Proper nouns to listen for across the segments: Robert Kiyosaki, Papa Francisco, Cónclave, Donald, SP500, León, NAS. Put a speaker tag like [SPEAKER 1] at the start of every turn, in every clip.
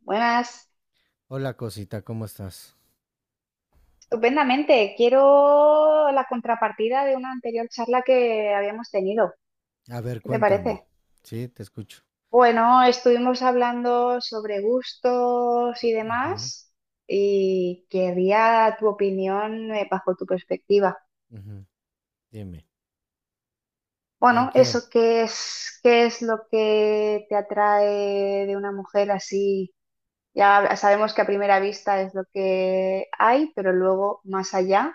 [SPEAKER 1] Buenas,
[SPEAKER 2] Hola cosita, ¿cómo estás?
[SPEAKER 1] estupendamente. Quiero la contrapartida de una anterior charla que habíamos tenido.
[SPEAKER 2] A ver,
[SPEAKER 1] ¿Qué te
[SPEAKER 2] cuéntame.
[SPEAKER 1] parece?
[SPEAKER 2] Sí, te escucho.
[SPEAKER 1] Bueno, estuvimos hablando sobre gustos y
[SPEAKER 2] Ujú,
[SPEAKER 1] demás y quería tu opinión, bajo tu perspectiva.
[SPEAKER 2] ujú. Dime, ¿en
[SPEAKER 1] Bueno,
[SPEAKER 2] qué?
[SPEAKER 1] eso, ¿qué es lo que te atrae de una mujer así? Ya sabemos que a primera vista es lo que hay, pero luego más allá,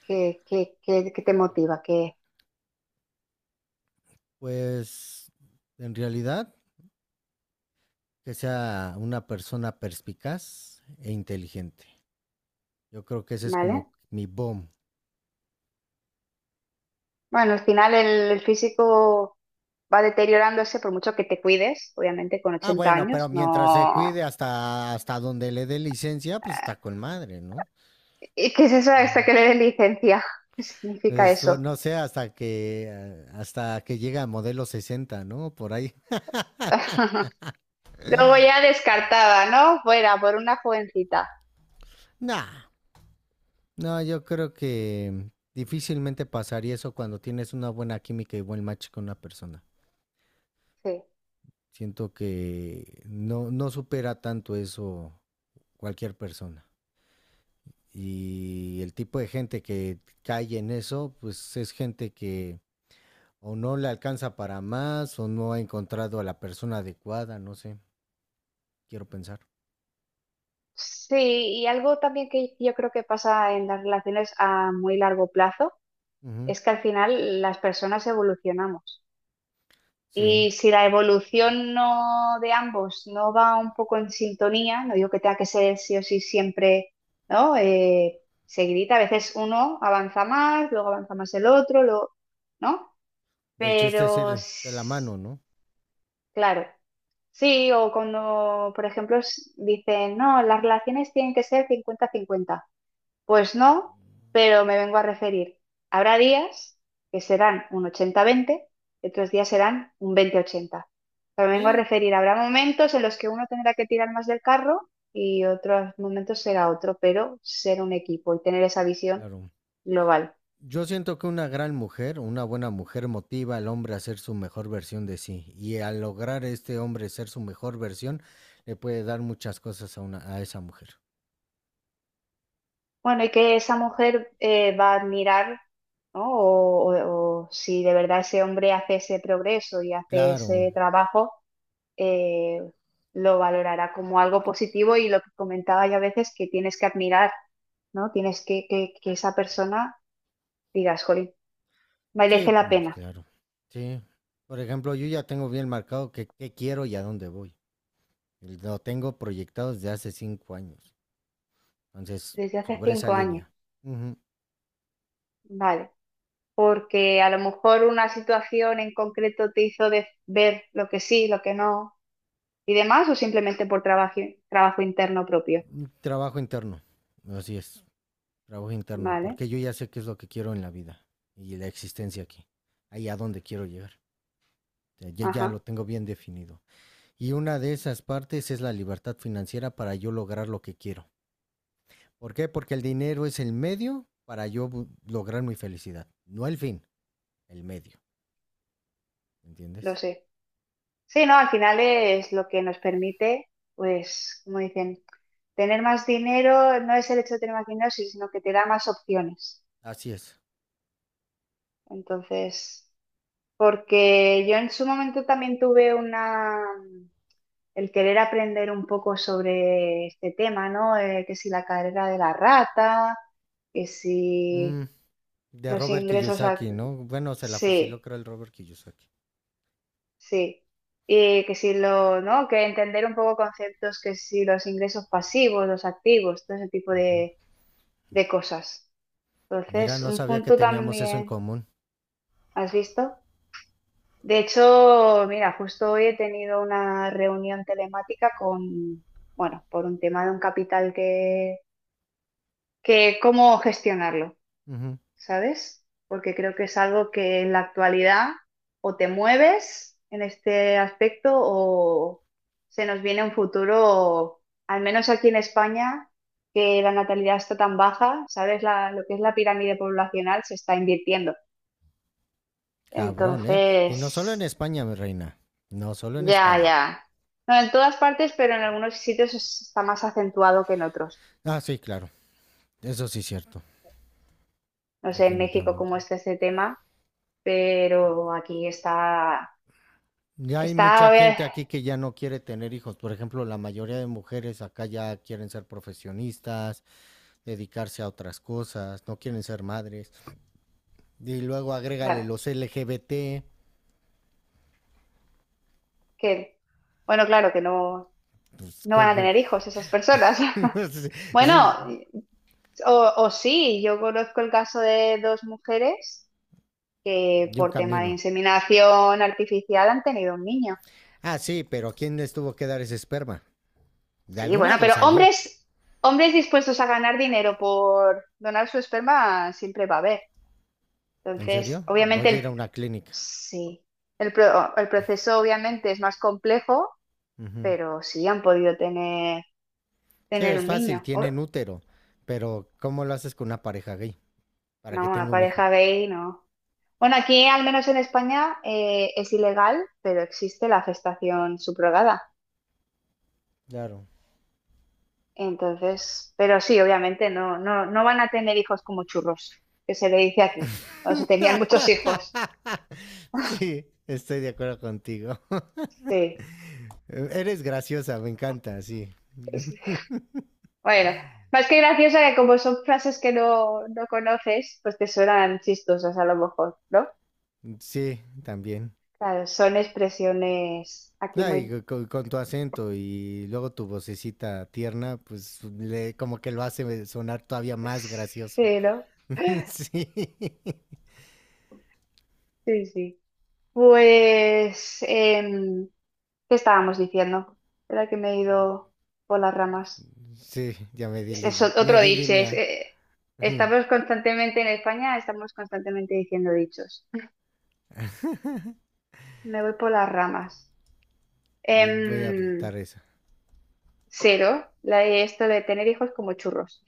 [SPEAKER 1] ¿qué te motiva?
[SPEAKER 2] Pues en realidad que sea una persona perspicaz e inteligente. Yo creo que ese es
[SPEAKER 1] ¿Vale?
[SPEAKER 2] como mi boom.
[SPEAKER 1] Bueno, al final el físico va deteriorándose por mucho que te cuides, obviamente con
[SPEAKER 2] Ah,
[SPEAKER 1] 80
[SPEAKER 2] bueno,
[SPEAKER 1] años,
[SPEAKER 2] pero mientras se
[SPEAKER 1] no...
[SPEAKER 2] cuide hasta donde le dé licencia, pues
[SPEAKER 1] eh,
[SPEAKER 2] está con madre, ¿no?
[SPEAKER 1] ¿Y qué es eso hasta
[SPEAKER 2] Ujú.
[SPEAKER 1] que le den licencia? ¿Qué significa
[SPEAKER 2] Pues, o
[SPEAKER 1] eso?
[SPEAKER 2] no sé, hasta que llega a modelo 60, ¿no? Por ahí.
[SPEAKER 1] Luego ya descartada, ¿no? Fuera, por una jovencita.
[SPEAKER 2] Nah, no, yo creo que difícilmente pasaría eso cuando tienes una buena química y buen match con una persona.
[SPEAKER 1] Sí.
[SPEAKER 2] Siento que no, no supera tanto eso cualquier persona. Y el tipo de gente que cae en eso, pues es gente que o no le alcanza para más o no ha encontrado a la persona adecuada, no sé, quiero pensar.
[SPEAKER 1] Sí, y algo también que yo creo que pasa en las relaciones a muy largo plazo
[SPEAKER 2] Ujú,
[SPEAKER 1] es que al final las personas evolucionamos.
[SPEAKER 2] sí,
[SPEAKER 1] Y si la evolución no de ambos no va un poco en sintonía, no digo que tenga que ser sí o sí siempre, ¿no? Seguidita, a veces uno avanza más, luego avanza más el otro, luego, ¿no?
[SPEAKER 2] y el chiste es
[SPEAKER 1] Pero
[SPEAKER 2] ir de la mano, ¿no?
[SPEAKER 1] claro, sí, o cuando, por ejemplo, dicen, no, las relaciones tienen que ser 50-50, pues no, pero me vengo a referir. Habrá días que serán un 80-20, y otros días serán un 20-80. Pero me vengo a
[SPEAKER 2] Sí,
[SPEAKER 1] referir, habrá momentos en los que uno tendrá que tirar más del carro y otros momentos será otro, pero ser un equipo y tener esa visión
[SPEAKER 2] claro.
[SPEAKER 1] global.
[SPEAKER 2] Yo siento que una gran mujer, una buena mujer motiva al hombre a ser su mejor versión de sí y al lograr este hombre ser su mejor versión le puede dar muchas cosas a esa mujer.
[SPEAKER 1] Bueno, y que esa mujer, va a admirar, ¿no? O si de verdad ese hombre hace ese progreso y hace
[SPEAKER 2] Claro,
[SPEAKER 1] ese trabajo, eh, lo valorará como algo positivo. Y lo que comentaba, ya a veces que tienes que admirar, ¿no? Tienes que esa persona digas, jolín,
[SPEAKER 2] sí,
[SPEAKER 1] merece la
[SPEAKER 2] mm,
[SPEAKER 1] pena,
[SPEAKER 2] claro, sí. Por ejemplo, yo ya tengo bien marcado qué quiero y a dónde voy. Lo tengo proyectado desde hace 5 años. Entonces,
[SPEAKER 1] desde hace
[SPEAKER 2] sobre esa
[SPEAKER 1] 5 años,
[SPEAKER 2] línea. Ujú,
[SPEAKER 1] vale, porque a lo mejor una situación en concreto te hizo ver lo que sí, lo que no y demás, o simplemente por trabajo, trabajo interno propio,
[SPEAKER 2] un trabajo interno, así es. Trabajo interno,
[SPEAKER 1] vale,
[SPEAKER 2] porque yo ya sé qué es lo que quiero en la vida y la existencia aquí, ahí a dónde quiero llegar. O sea, ya, ya
[SPEAKER 1] ajá,
[SPEAKER 2] lo tengo bien definido. Y una de esas partes es la libertad financiera para yo lograr lo que quiero. ¿Por qué? Porque el dinero es el medio para yo lograr mi felicidad. No el fin, el medio.
[SPEAKER 1] lo
[SPEAKER 2] ¿Entiendes?
[SPEAKER 1] sé. Sí, no, al final es lo que nos permite, pues, como dicen, tener más dinero no es el hecho de tener más dinero, sí, sino que te da más opciones.
[SPEAKER 2] Así es.
[SPEAKER 1] Entonces, porque yo en su momento también tuve una, el querer aprender un poco sobre este tema, ¿no? Que si la carrera de la rata, que si
[SPEAKER 2] Mm, de
[SPEAKER 1] los
[SPEAKER 2] Robert
[SPEAKER 1] ingresos,
[SPEAKER 2] Kiyosaki, ¿no? Bueno, se la fusiló
[SPEAKER 1] sí.
[SPEAKER 2] creo el Robert Kiyosaki.
[SPEAKER 1] Sí, y que si lo, ¿no? Que entender un poco conceptos, que si los ingresos pasivos, los activos, todo ese tipo
[SPEAKER 2] Uh-huh.
[SPEAKER 1] de cosas.
[SPEAKER 2] Mira,
[SPEAKER 1] Entonces,
[SPEAKER 2] no
[SPEAKER 1] un
[SPEAKER 2] sabía que
[SPEAKER 1] punto
[SPEAKER 2] teníamos eso en
[SPEAKER 1] también,
[SPEAKER 2] común.
[SPEAKER 1] ¿has visto? De hecho, mira, justo hoy he tenido una reunión telemática con, bueno, por un tema de un capital que cómo gestionarlo.
[SPEAKER 2] Ujú.
[SPEAKER 1] ¿Sabes? Porque creo que es algo que en la actualidad o te mueves en este aspecto o se nos viene un futuro, al menos aquí en España, que la natalidad está tan baja, ¿sabes? Lo que es la pirámide poblacional se está invirtiendo.
[SPEAKER 2] Cabrón, ¿eh? Y no solo en
[SPEAKER 1] Entonces,
[SPEAKER 2] España, mi reina. No solo en
[SPEAKER 1] ya,
[SPEAKER 2] España.
[SPEAKER 1] ya. No, en todas partes, pero en algunos sitios está más acentuado que en otros.
[SPEAKER 2] Ah, sí, claro. Eso sí es cierto.
[SPEAKER 1] No sé en México cómo
[SPEAKER 2] Definitivamente.
[SPEAKER 1] está este tema, pero aquí está,
[SPEAKER 2] Ya hay
[SPEAKER 1] está, a
[SPEAKER 2] mucha gente aquí que ya no quiere tener hijos. Por ejemplo, la mayoría de mujeres acá ya quieren ser profesionistas, dedicarse a otras cosas, no quieren ser madres. Y luego agrégale
[SPEAKER 1] ver,
[SPEAKER 2] los LGBT.
[SPEAKER 1] que, bueno, claro, que no,
[SPEAKER 2] Pues,
[SPEAKER 1] no van a tener hijos esas personas.
[SPEAKER 2] es
[SPEAKER 1] Bueno, o sí, yo conozco el caso de dos mujeres que
[SPEAKER 2] un
[SPEAKER 1] por tema de
[SPEAKER 2] camino.
[SPEAKER 1] inseminación artificial han tenido un niño.
[SPEAKER 2] Ah, sí, pero ¿quién les tuvo que dar ese esperma? De
[SPEAKER 1] Sí,
[SPEAKER 2] algún
[SPEAKER 1] bueno,
[SPEAKER 2] lado
[SPEAKER 1] pero
[SPEAKER 2] salió.
[SPEAKER 1] hombres dispuestos a ganar dinero por donar su esperma siempre va a haber.
[SPEAKER 2] ¿En
[SPEAKER 1] Entonces,
[SPEAKER 2] serio?
[SPEAKER 1] obviamente,
[SPEAKER 2] Voy a ir a una clínica.
[SPEAKER 1] sí, el proceso obviamente es más complejo,
[SPEAKER 2] Ujú.
[SPEAKER 1] pero sí han podido tener,
[SPEAKER 2] Sí,
[SPEAKER 1] tener
[SPEAKER 2] es
[SPEAKER 1] un
[SPEAKER 2] fácil,
[SPEAKER 1] niño.
[SPEAKER 2] tienen útero, pero ¿cómo lo haces con una pareja gay para que
[SPEAKER 1] No, una
[SPEAKER 2] tenga un hijo?
[SPEAKER 1] pareja gay, no. Bueno, aquí al menos en España, es ilegal, pero existe la gestación subrogada.
[SPEAKER 2] Claro.
[SPEAKER 1] Entonces, pero sí, obviamente no, no, no van a tener hijos como churros, que se le dice aquí. O se tenían muchos hijos.
[SPEAKER 2] Sí, estoy de acuerdo contigo.
[SPEAKER 1] Sí.
[SPEAKER 2] Eres graciosa, me encanta, sí.
[SPEAKER 1] Sí. Bueno, más que graciosa, que como son frases que no conoces, pues te suenan chistosas a lo mejor, ¿no?
[SPEAKER 2] Sí, también.
[SPEAKER 1] Claro, son expresiones aquí
[SPEAKER 2] Ay,
[SPEAKER 1] muy...
[SPEAKER 2] con, tu acento y luego tu vocecita tierna, pues le, como que lo hace sonar todavía más gracioso.
[SPEAKER 1] Sí, ¿no?
[SPEAKER 2] Sí,
[SPEAKER 1] Sí, sí. Pues... ¿qué estábamos diciendo? Era que me he ido por las ramas.
[SPEAKER 2] sí, ya me di,
[SPEAKER 1] Es
[SPEAKER 2] li- me
[SPEAKER 1] otro
[SPEAKER 2] di
[SPEAKER 1] dicho,
[SPEAKER 2] línea. Ujú.
[SPEAKER 1] estamos constantemente en España, estamos constantemente diciendo dichos. Me voy por las ramas.
[SPEAKER 2] Voy a
[SPEAKER 1] Em,
[SPEAKER 2] adaptar eso.
[SPEAKER 1] cero, la, de esto de tener hijos como churros,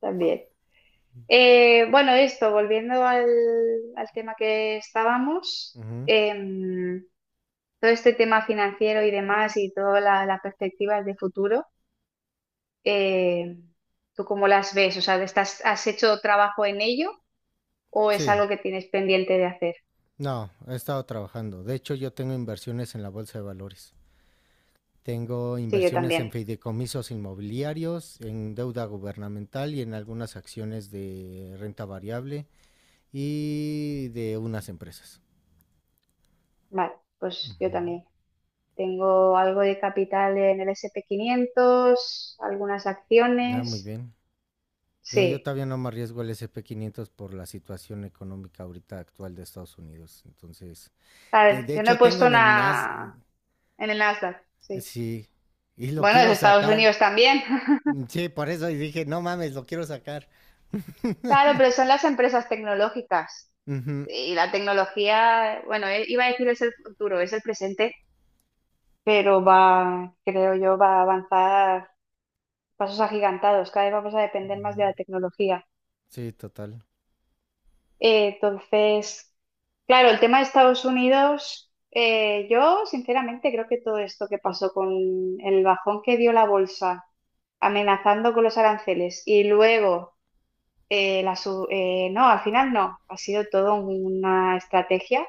[SPEAKER 1] también. Bueno, esto, volviendo al tema que estábamos,
[SPEAKER 2] Ujú.
[SPEAKER 1] todo este tema financiero y demás y todas las perspectivas de futuro. eh, ¿Tú cómo las ves? O sea, ¿has hecho trabajo en ello o es
[SPEAKER 2] Sí,
[SPEAKER 1] algo que tienes pendiente de hacer?
[SPEAKER 2] no, he estado trabajando. De hecho, yo tengo inversiones en la bolsa de valores. Tengo
[SPEAKER 1] Sí, yo
[SPEAKER 2] inversiones
[SPEAKER 1] también.
[SPEAKER 2] en fideicomisos inmobiliarios, en deuda gubernamental y en algunas acciones de renta variable y de unas empresas.
[SPEAKER 1] Vale, pues yo
[SPEAKER 2] Ujú.
[SPEAKER 1] también. Tengo algo de capital en el S&P 500, algunas
[SPEAKER 2] Ah, muy
[SPEAKER 1] acciones.
[SPEAKER 2] bien. Yo
[SPEAKER 1] Sí.
[SPEAKER 2] todavía no me arriesgo al SP500 por la situación económica ahorita actual de Estados Unidos. Entonces,
[SPEAKER 1] A
[SPEAKER 2] de,
[SPEAKER 1] ver,
[SPEAKER 2] de
[SPEAKER 1] yo no he
[SPEAKER 2] hecho tengo
[SPEAKER 1] puesto
[SPEAKER 2] en el NAS,
[SPEAKER 1] una en el Nasdaq. Sí.
[SPEAKER 2] sí, y lo
[SPEAKER 1] Bueno, es
[SPEAKER 2] quiero
[SPEAKER 1] Estados
[SPEAKER 2] sacar.
[SPEAKER 1] Unidos también.
[SPEAKER 2] Sí, por eso dije, no mames, lo quiero sacar.
[SPEAKER 1] Claro, pero son las empresas tecnológicas.
[SPEAKER 2] Ujú.
[SPEAKER 1] Y la tecnología, bueno, iba a decir es el futuro, es el presente, pero va, creo yo, va a avanzar pasos agigantados. Cada vez vamos a depender más de la tecnología.
[SPEAKER 2] Sí, total.
[SPEAKER 1] Entonces, claro, el tema de Estados Unidos, yo sinceramente creo que todo esto que pasó con el bajón que dio la bolsa, amenazando con los aranceles y luego, no, al final no, ha sido todo una estrategia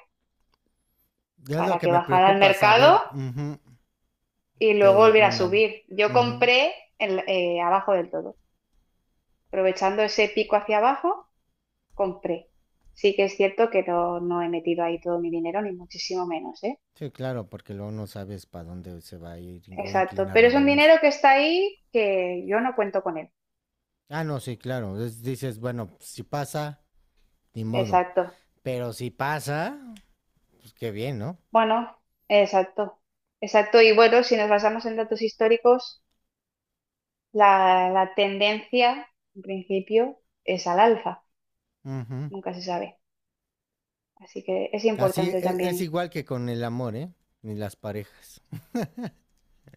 [SPEAKER 2] Ya es lo
[SPEAKER 1] para
[SPEAKER 2] que
[SPEAKER 1] que
[SPEAKER 2] me
[SPEAKER 1] bajara el
[SPEAKER 2] preocupa
[SPEAKER 1] mercado
[SPEAKER 2] saber
[SPEAKER 1] y luego
[SPEAKER 2] de
[SPEAKER 1] volviera a
[SPEAKER 2] Donald.
[SPEAKER 1] subir. Yo
[SPEAKER 2] Ujú.
[SPEAKER 1] compré abajo del todo. Aprovechando ese pico hacia abajo, compré. Sí que es cierto que no he metido ahí todo mi dinero, ni muchísimo menos, ¿eh?
[SPEAKER 2] Sí, claro, porque luego no sabes para dónde se va a ir o
[SPEAKER 1] Exacto.
[SPEAKER 2] inclinar
[SPEAKER 1] Pero
[SPEAKER 2] la
[SPEAKER 1] es un dinero
[SPEAKER 2] balanza.
[SPEAKER 1] que está ahí que yo no cuento con él.
[SPEAKER 2] Ah, no, sí, claro. Dices, bueno, si pasa, ni modo.
[SPEAKER 1] Exacto.
[SPEAKER 2] Pero si pasa, pues qué bien, ¿no?
[SPEAKER 1] Bueno, exacto. Exacto. Y bueno, si nos basamos en datos históricos, la tendencia, en principio, es al alza.
[SPEAKER 2] Ujú.
[SPEAKER 1] Nunca se sabe. Así que es
[SPEAKER 2] Así
[SPEAKER 1] importante
[SPEAKER 2] es,
[SPEAKER 1] también.
[SPEAKER 2] igual que con el amor, ¿eh? Ni las parejas.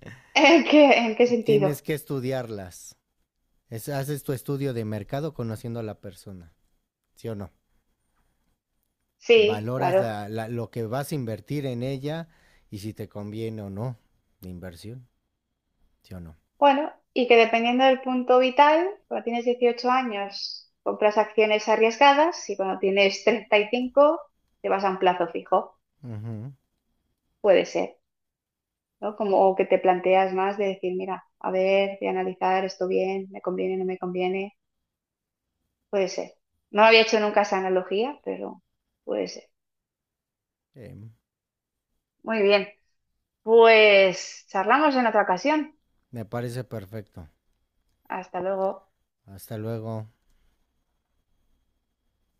[SPEAKER 1] ¿En qué sentido?
[SPEAKER 2] Tienes que estudiarlas. Haces tu estudio de mercado conociendo a la persona, ¿sí o no?
[SPEAKER 1] Sí,
[SPEAKER 2] Valoras
[SPEAKER 1] claro.
[SPEAKER 2] lo que vas a invertir en ella y si te conviene o no de inversión, ¿sí o no?
[SPEAKER 1] Bueno, y que dependiendo del punto vital, cuando tienes 18 años, compras acciones arriesgadas, y cuando tienes 35, te vas a un plazo fijo.
[SPEAKER 2] Ujú.
[SPEAKER 1] Puede ser, ¿no? Como o que te planteas más de decir, mira, a ver, voy a analizar esto bien, me conviene, no me conviene. Puede ser. No había hecho nunca esa analogía, pero puede ser.
[SPEAKER 2] Sí,
[SPEAKER 1] Muy bien. Pues charlamos en otra ocasión.
[SPEAKER 2] me parece perfecto.
[SPEAKER 1] Hasta luego.
[SPEAKER 2] Hasta luego.